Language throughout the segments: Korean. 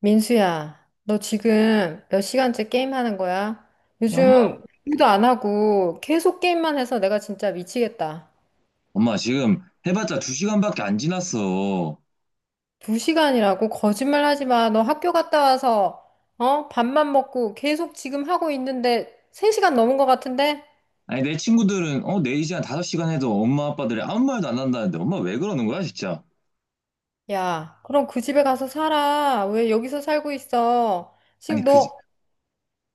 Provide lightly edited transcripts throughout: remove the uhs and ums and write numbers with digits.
민수야, 너 지금 몇 시간째 게임하는 거야? 아니, 엄마, 요즘 일도 안 하고 계속 게임만 해서 내가 진짜 미치겠다. 엄마 지금 해봤자 두 시간밖에 안 지났어. 두 시간이라고? 거짓말 하지 마. 너 학교 갔다 와서, 어? 밥만 먹고 계속 지금 하고 있는데 3시간 넘은 것 같은데? 아니 내 친구들은 4시간, 5시간 해도 엄마 아빠들이 아무 말도 안 한다는데 엄마 왜 그러는 거야 진짜? 야, 그럼 그 집에 가서 살아. 왜 여기서 살고 있어? 아니 지금 너,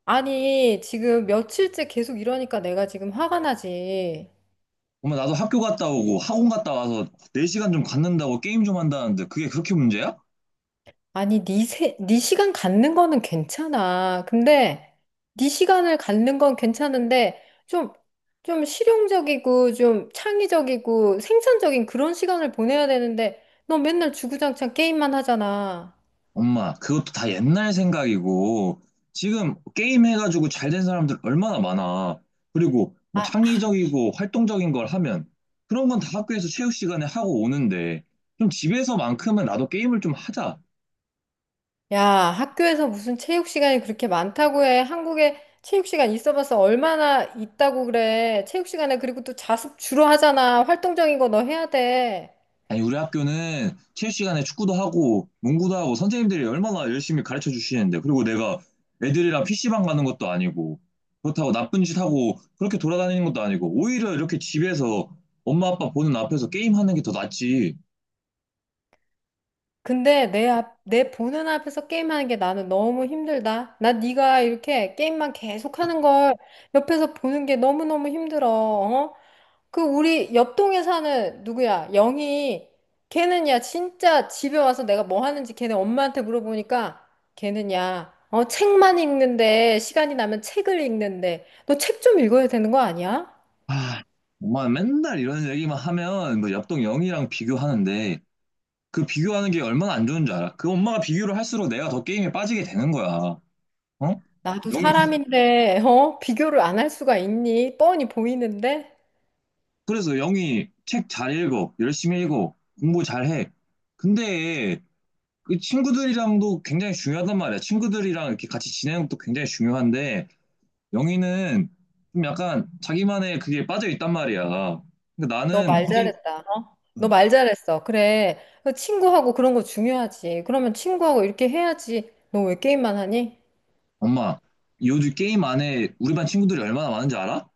아니, 지금 며칠째 계속 이러니까 내가 지금 화가 나지. 엄마 나도 학교 갔다 오고 학원 갔다 와서 4시간 좀 갖는다고 게임 좀 한다는데 그게 그렇게 문제야? 아니, 네 4시간 갖는 거는 괜찮아. 근데 4시간을 갖는 건 괜찮은데 좀, 좀 실용적이고 좀 창의적이고 생산적인 그런 시간을 보내야 되는데 너 맨날 주구장창 게임만 하잖아. 엄마 그것도 다 옛날 생각이고 지금 게임 해가지고 잘 된 사람들 얼마나 많아. 그리고 뭐 아, 창의적이고 활동적인 걸 하면 그런 건 다 학교에서 체육 시간에 하고 오는데 좀 집에서만큼은 나도 게임을 좀 하자. 야, 학교에서 무슨 체육 시간이 그렇게 많다고 해. 한국에 체육 시간 있어봤자 얼마나 있다고 그래. 체육 시간에 그리고 또 자습 주로 하잖아. 활동적인 거 너 해야 돼. 아니, 우리 학교는 체육 시간에 축구도 하고 농구도 하고 선생님들이 얼마나 열심히 가르쳐 주시는데 그리고 내가 애들이랑 PC방 가는 것도 아니고 그렇다고 나쁜 짓 하고 그렇게 돌아다니는 것도 아니고 오히려 이렇게 집에서 엄마 아빠 보는 앞에서 게임하는 게 더 낫지. 근데 내 보는 앞에서 게임하는 게 나는 너무 힘들다. 나 네가 이렇게 게임만 계속하는 걸 옆에서 보는 게 너무너무 힘들어. 어? 그 우리 옆동에 사는 누구야? 영희. 걔는 야 진짜 집에 와서 내가 뭐 하는지 걔네 엄마한테 물어보니까 걔는 야 어, 책만 읽는데 시간이 나면 책을 읽는데 너 책 좀 읽어야 되는 거 아니야? 아, 엄마 맨날 이런 얘기만 하면 뭐 옆동 영희랑 비교하는데 그 비교하는 게 얼마나 안 좋은 줄 알아? 그 엄마가 비교를 할수록 내가 더 게임에 빠지게 되는 거야. 어? 나도 영희 사람인데 어? 비교를 안 할 수가 있니? 뻔히 보이는데. 그래서 영희 책 잘 읽어, 열심히 읽어, 공부 잘 해. 근데 그 친구들이랑도 굉장히 중요하단 말이야. 친구들이랑 이렇게 같이 지내는 것도 굉장히 중요한데 영희는 좀 약간 자기만의 그게 빠져 있단 말이야. 근데 너 나는 말 게 잘했다. 어? 너 말 잘했어. 그래. 그 친구하고 그런 거 중요하지. 그러면 친구하고 이렇게 해야지. 너 왜 게임만 하니? 엄마, 요즘 게임 안에 우리 반 친구들이 얼마나 많은지 알아?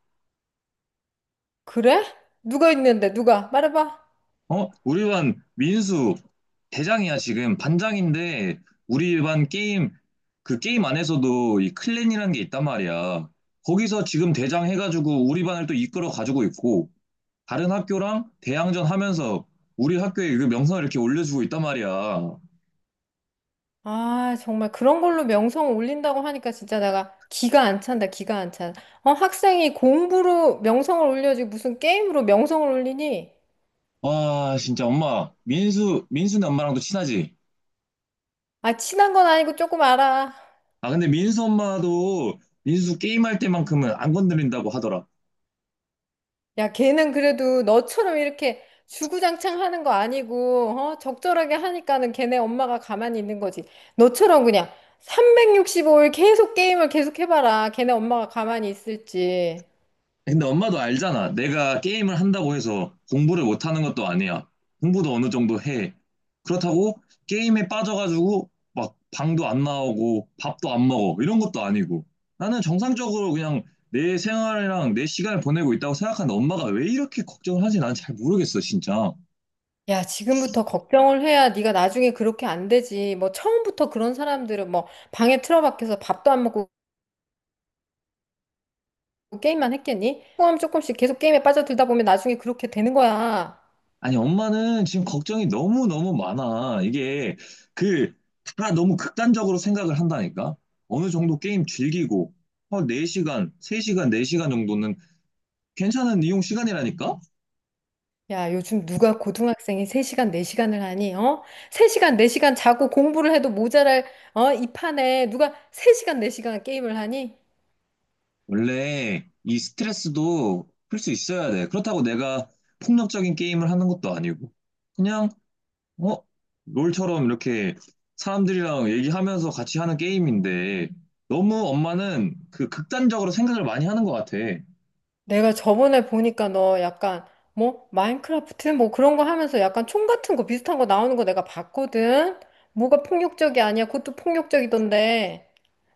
그래? 누가 있는데? 누가? 말해봐. 어? 우리 반 민수 대장이야 지금 반장인데 우리 반 게임 그 게임 안에서도 이 클랜이라는 게 있단 말이야. 거기서 지금 대장 해가지고 우리 반을 또 이끌어 가지고 있고 다른 학교랑 대항전 하면서 우리 학교의 그 명성을 이렇게 올려주고 있단 말이야. 아, 정말 그런 걸로 명성 올린다고 하니까 진짜 내가 기가 안 찬다. 기가 안 찬. 어, 학생이 공부로 명성을 올려지 무슨 게임으로 명성을 올리니? 와 진짜 엄마 민수네 엄마랑도 친하지? 아, 친한 건 아니고 조금 알아. 아 근데 민수 엄마도 민수 게임할 때만큼은 안 건드린다고 하더라. 야, 걔는 그래도 너처럼 이렇게 주구장창 하는 거 아니고, 어? 적절하게 하니까는 걔네 엄마가 가만히 있는 거지. 너처럼 그냥 365일 계속 게임을 계속 해봐라. 걔네 엄마가 가만히 있을지. 근데 엄마도 알잖아. 내가 게임을 한다고 해서 공부를 못하는 것도 아니야. 공부도 어느 정도 해. 그렇다고 게임에 빠져가지고 막 방도 안 나오고 밥도 안 먹어. 이런 것도 아니고. 나는 정상적으로 그냥 내 생활이랑 내 시간을 보내고 있다고 생각하는데 엄마가 왜 이렇게 걱정을 하지? 난 잘 모르겠어, 진짜. 야, 지금부터 걱정을 해야 네가 나중에 그렇게 안 되지. 뭐 처음부터 그런 사람들은 뭐 방에 틀어박혀서 밥도 안 먹고 게임만 했겠니? 조금 조금씩 계속 게임에 빠져들다 보면 나중에 그렇게 되는 거야. 아니, 엄마는 지금 걱정이 너무너무 많아. 이게, 그, 다 너무 극단적으로 생각을 한다니까? 어느 정도 게임 즐기고, 한 4시간, 3시간, 4시간 정도는 괜찮은 이용 시간이라니까? 야, 요즘 누가 고등학생이 3시간, 4시간을 하니? 어? 3시간, 4시간 자고 공부를 해도 모자랄 어? 이 판에 누가 3시간, 4시간 게임을 하니? 원래 이 스트레스도 풀 수 있어야 돼. 그렇다고 내가 폭력적인 게임을 하는 것도 아니고, 그냥, 어? 롤처럼 이렇게 사람들이랑 얘기하면서 같이 하는 게임인데, 너무 엄마는 그 극단적으로 생각을 많이 하는 것 같아. 내가 저번에 보니까 너 약간 뭐 마인크래프트 뭐 그런 거 하면서 약간 총 같은 거 비슷한 거 나오는 거 내가 봤거든. 뭐가 폭력적이 아니야. 그것도 폭력적이던데.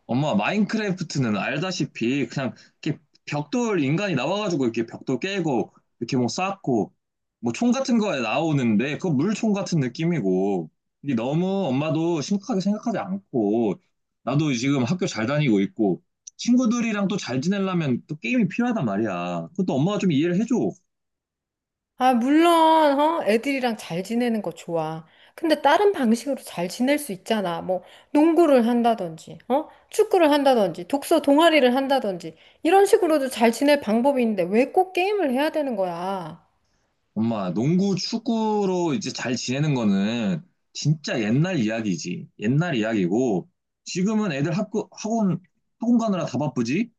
엄마 마인크래프트는 알다시피 그냥 이렇게 벽돌 인간이 나와가지고 이렇게 벽돌 깨고 이렇게 뭐 쌓고 뭐 총 같은 거에 나오는데 그거 물총 같은 느낌이고 이게 너무 엄마도 심각하게 생각하지 않고 나도 지금 학교 잘 다니고 있고 친구들이랑 또 잘 지내려면 또 게임이 필요하단 말이야. 그것도 엄마가 좀 이해를 해줘. 아, 물론, 어? 애들이랑 잘 지내는 거 좋아. 근데 다른 방식으로 잘 지낼 수 있잖아. 뭐, 농구를 한다든지, 어? 축구를 한다든지, 독서 동아리를 한다든지, 이런 식으로도 잘 지낼 방법이 있는데 왜 꼭 게임을 해야 되는 거야? 엄마, 농구, 축구로 이제 잘 지내는 거는 진짜 옛날 이야기지. 옛날 이야기고, 지금은 애들 학교, 학원, 학원 가느라 다 바쁘지?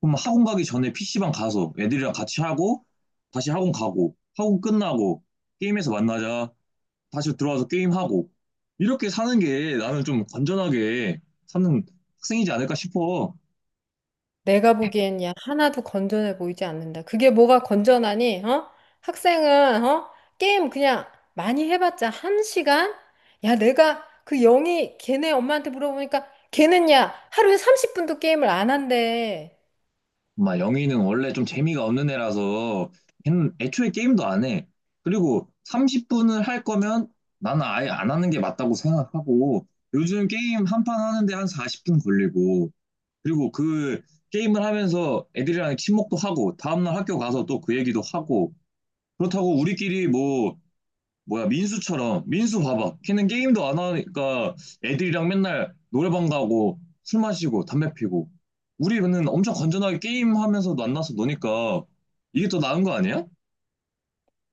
그럼 학원 가기 전에 PC방 가서 애들이랑 같이 하고, 다시 학원 가고, 학원 끝나고, 게임에서 만나자, 다시 들어와서 게임하고, 이렇게 사는 게 나는 좀 건전하게 사는 학생이지 않을까 싶어. 내가 보기엔 야, 하나도 건전해 보이지 않는다. 그게 뭐가 건전하니, 어? 학생은, 어? 게임 그냥 많이 해봤자 1시간? 야, 내가 그 영희 걔네 엄마한테 물어보니까 걔는 야, 하루에 30분도 게임을 안 한대. 막 영희는 원래 좀 재미가 없는 애라서 걔는 애초에 게임도 안 해. 그리고 30분을 할 거면 나는 아예 안 하는 게 맞다고 생각하고 요즘 게임 한 판 하는데 한 40분 걸리고 그리고 그 게임을 하면서 애들이랑 친목도 하고 다음날 학교 가서 또 그 얘기도 하고 그렇다고 우리끼리 뭐 뭐야 민수 봐봐 걔는 게임도 안 하니까 애들이랑 맨날 노래방 가고 술 마시고 담배 피고 우리는 엄청 건전하게 게임하면서 만나서 노니까 이게 더 나은 거 아니야?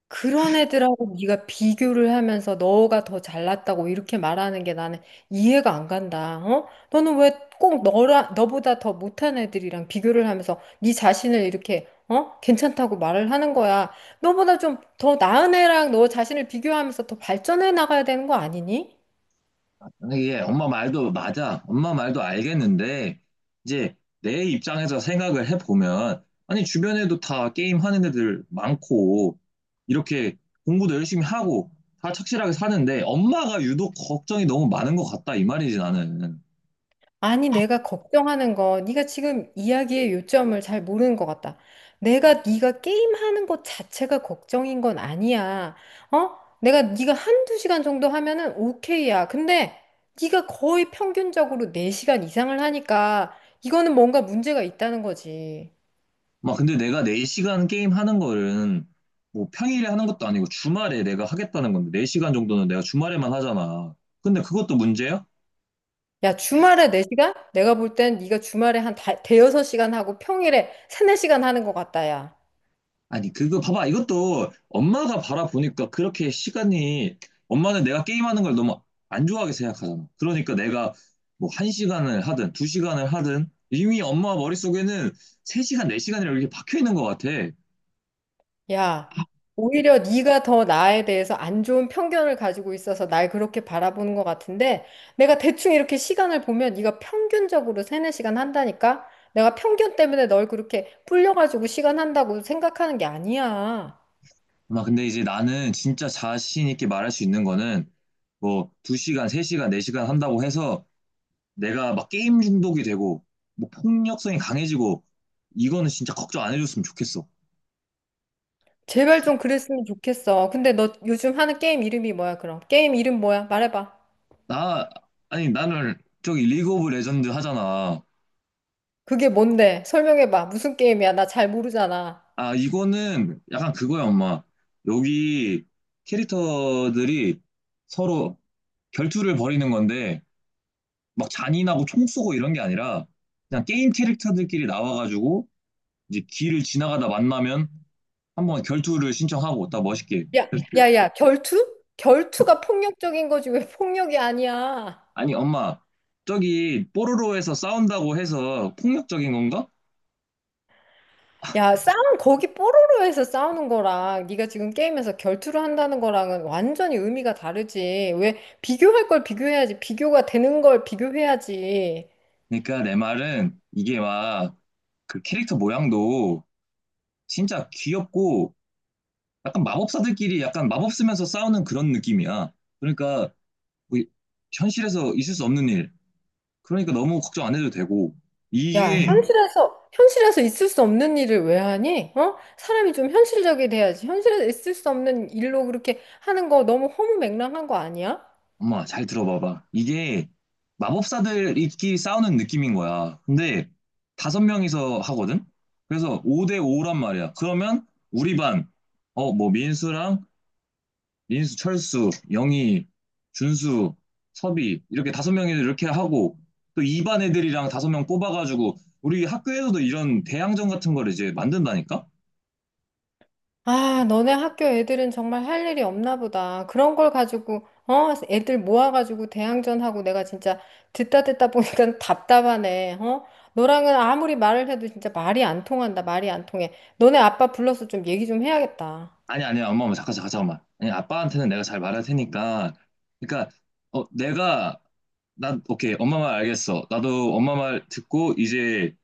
그런 애들하고 네가 비교를 하면서 너가 더 잘났다고 이렇게 말하는 게 나는 이해가 안 간다. 어? 너는 왜 꼭 너라 너보다 더 못한 애들이랑 비교를 하면서 네 자신을 이렇게 어? 괜찮다고 말을 하는 거야. 너보다 좀 더 나은 애랑 너 자신을 비교하면서 더 발전해 나가야 되는 거 아니니? 이게 엄마 말도 맞아. 엄마 말도 알겠는데, 이제 내 입장에서 생각을 해보면, 아니, 주변에도 다 게임하는 애들 많고, 이렇게 공부도 열심히 하고, 다 착실하게 사는데, 엄마가 유독 걱정이 너무 많은 것 같다, 이 말이지, 나는. 아니, 내가 걱정하는 거, 네가 지금 이야기의 요점을 잘 모르는 것 같다. 내가 네가 게임하는 것 자체가 걱정인 건 아니야. 어? 내가 네가 1~2시간 정도 하면은 오케이야. 근데 네가 거의 평균적으로 4시간 이상을 하니까 이거는 뭔가 문제가 있다는 거지. 막 근데 내가 4시간 게임 하는 거는 뭐 평일에 하는 것도 아니고 주말에 내가 하겠다는 건데 4시간 정도는 내가 주말에만 하잖아. 근데 그것도 문제야? 야, 주말에 4시간? 내가 볼 땐 네가 주말에 한 5~6시간 하고 평일에 3~4시간 하는 것 같다, 야. 아니 그거 봐봐 이것도 엄마가 바라보니까 그렇게 시간이 엄마는 내가 게임하는 걸 너무 안 좋아하게 생각하잖아. 그러니까 내가 뭐 1시간을 하든 2시간을 하든 이미 엄마 머릿속에는 3시간, 4시간이라고 이렇게 박혀 있는 것 같아. 야, 오히려 네가 더 나에 대해서 안 좋은 편견을 가지고 있어서 날 그렇게 바라보는 것 같은데 내가 대충 이렇게 시간을 보면 네가 평균적으로 3~4시간 한다니까? 내가 편견 때문에 널 그렇게 불려가지고 시간 한다고 생각하는 게 아니야. 막 근데 이제 나는 진짜 자신 있게 말할 수 있는 거는 뭐 두 시간 세 시간 네 시간 한다고 해서 내가 막 게임 중독이 되고 뭐 폭력성이 강해지고 이거는 진짜 걱정 안 해줬으면 좋겠어. 제발 좀 그랬으면 좋겠어. 근데 너 요즘 하는 게임 이름이 뭐야, 그럼? 게임 이름 뭐야? 말해봐. 나 아니 나는 저기 리그 오브 레전드 하잖아. 그게 뭔데? 설명해봐. 무슨 게임이야? 나 잘 모르잖아. 아 이거는 약간 그거야 엄마. 여기 캐릭터들이 서로 결투를 벌이는 건데 막 잔인하고 총 쏘고 이런 게 아니라 그냥 게임 캐릭터들끼리 나와가지고 이제 길을 지나가다 만나면 한번 결투를 신청하고 딱 멋있게. 야, 야, 야, 결투? 결투가 폭력적인 거지. 왜 폭력이 아니야? 아니, 엄마, 저기 뽀로로에서 싸운다고 해서 폭력적인 건가? 야, 싸움 거기 뽀로로에서 싸우는 거랑 네가 지금 게임에서 결투를 한다는 거랑은 완전히 의미가 다르지. 왜 비교할 걸 비교해야지. 비교가 되는 걸 비교해야지. 그러니까 내 말은 이게 막 그 캐릭터 모양도 진짜 귀엽고 약간 마법사들끼리 약간 마법 쓰면서 싸우는 그런 느낌이야. 그러니까 뭐 현실에서 있을 수 없는 일. 그러니까 너무 걱정 안 해도 되고 야, 이게 현실에서 있을 수 없는 일을 왜 하니? 어? 사람이 좀 현실적이 돼야지. 현실에서 있을 수 없는 일로 그렇게 하는 거 너무 허무맹랑한 거 아니야? 엄마, 잘 들어봐봐. 이게 마법사들끼리 싸우는 느낌인 거야. 근데 다섯 명이서 하거든? 그래서 5대 5란 말이야. 그러면 우리 반, 어, 뭐, 민수랑, 민수, 철수, 영희, 준수, 섭이, 이렇게 다섯 명이 이렇게 하고, 또 2반 애들이랑 다섯 명 뽑아가지고, 우리 학교에서도 이런 대항전 같은 걸 이제 만든다니까? 아, 너네 학교 애들은 정말 할 일이 없나 보다. 그런 걸 가지고, 어, 애들 모아가지고 대항전하고 내가 진짜 듣다 듣다 보니까 답답하네, 어? 너랑은 아무리 말을 해도 진짜 말이 안 통한다, 말이 안 통해. 너네 아빠 불러서 좀 얘기 좀 해야겠다. 아니, 아니, 엄마, 엄마, 잠깐, 잠깐, 잠깐만. 아니, 아빠한테는 내가 잘 말할 테니까. 그러니까, 내가 난 오케이 엄마 말 알겠어. 나도 엄마 말 듣고 이제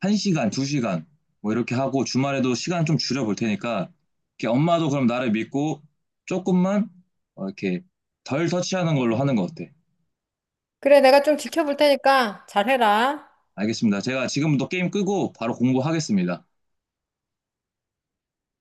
한 시간, 두 시간 뭐 이렇게 하고 주말에도 시간 좀 줄여볼 테니까 이렇게 엄마도 그럼 나를 믿고 조금만 어, 이렇게 덜 터치하는 걸로 하는 거 어때? 그래, 내가 좀 지켜볼 테니까 잘해라. 알겠습니다. 제가 지금부터 게임 끄고 바로 공부하겠습니다.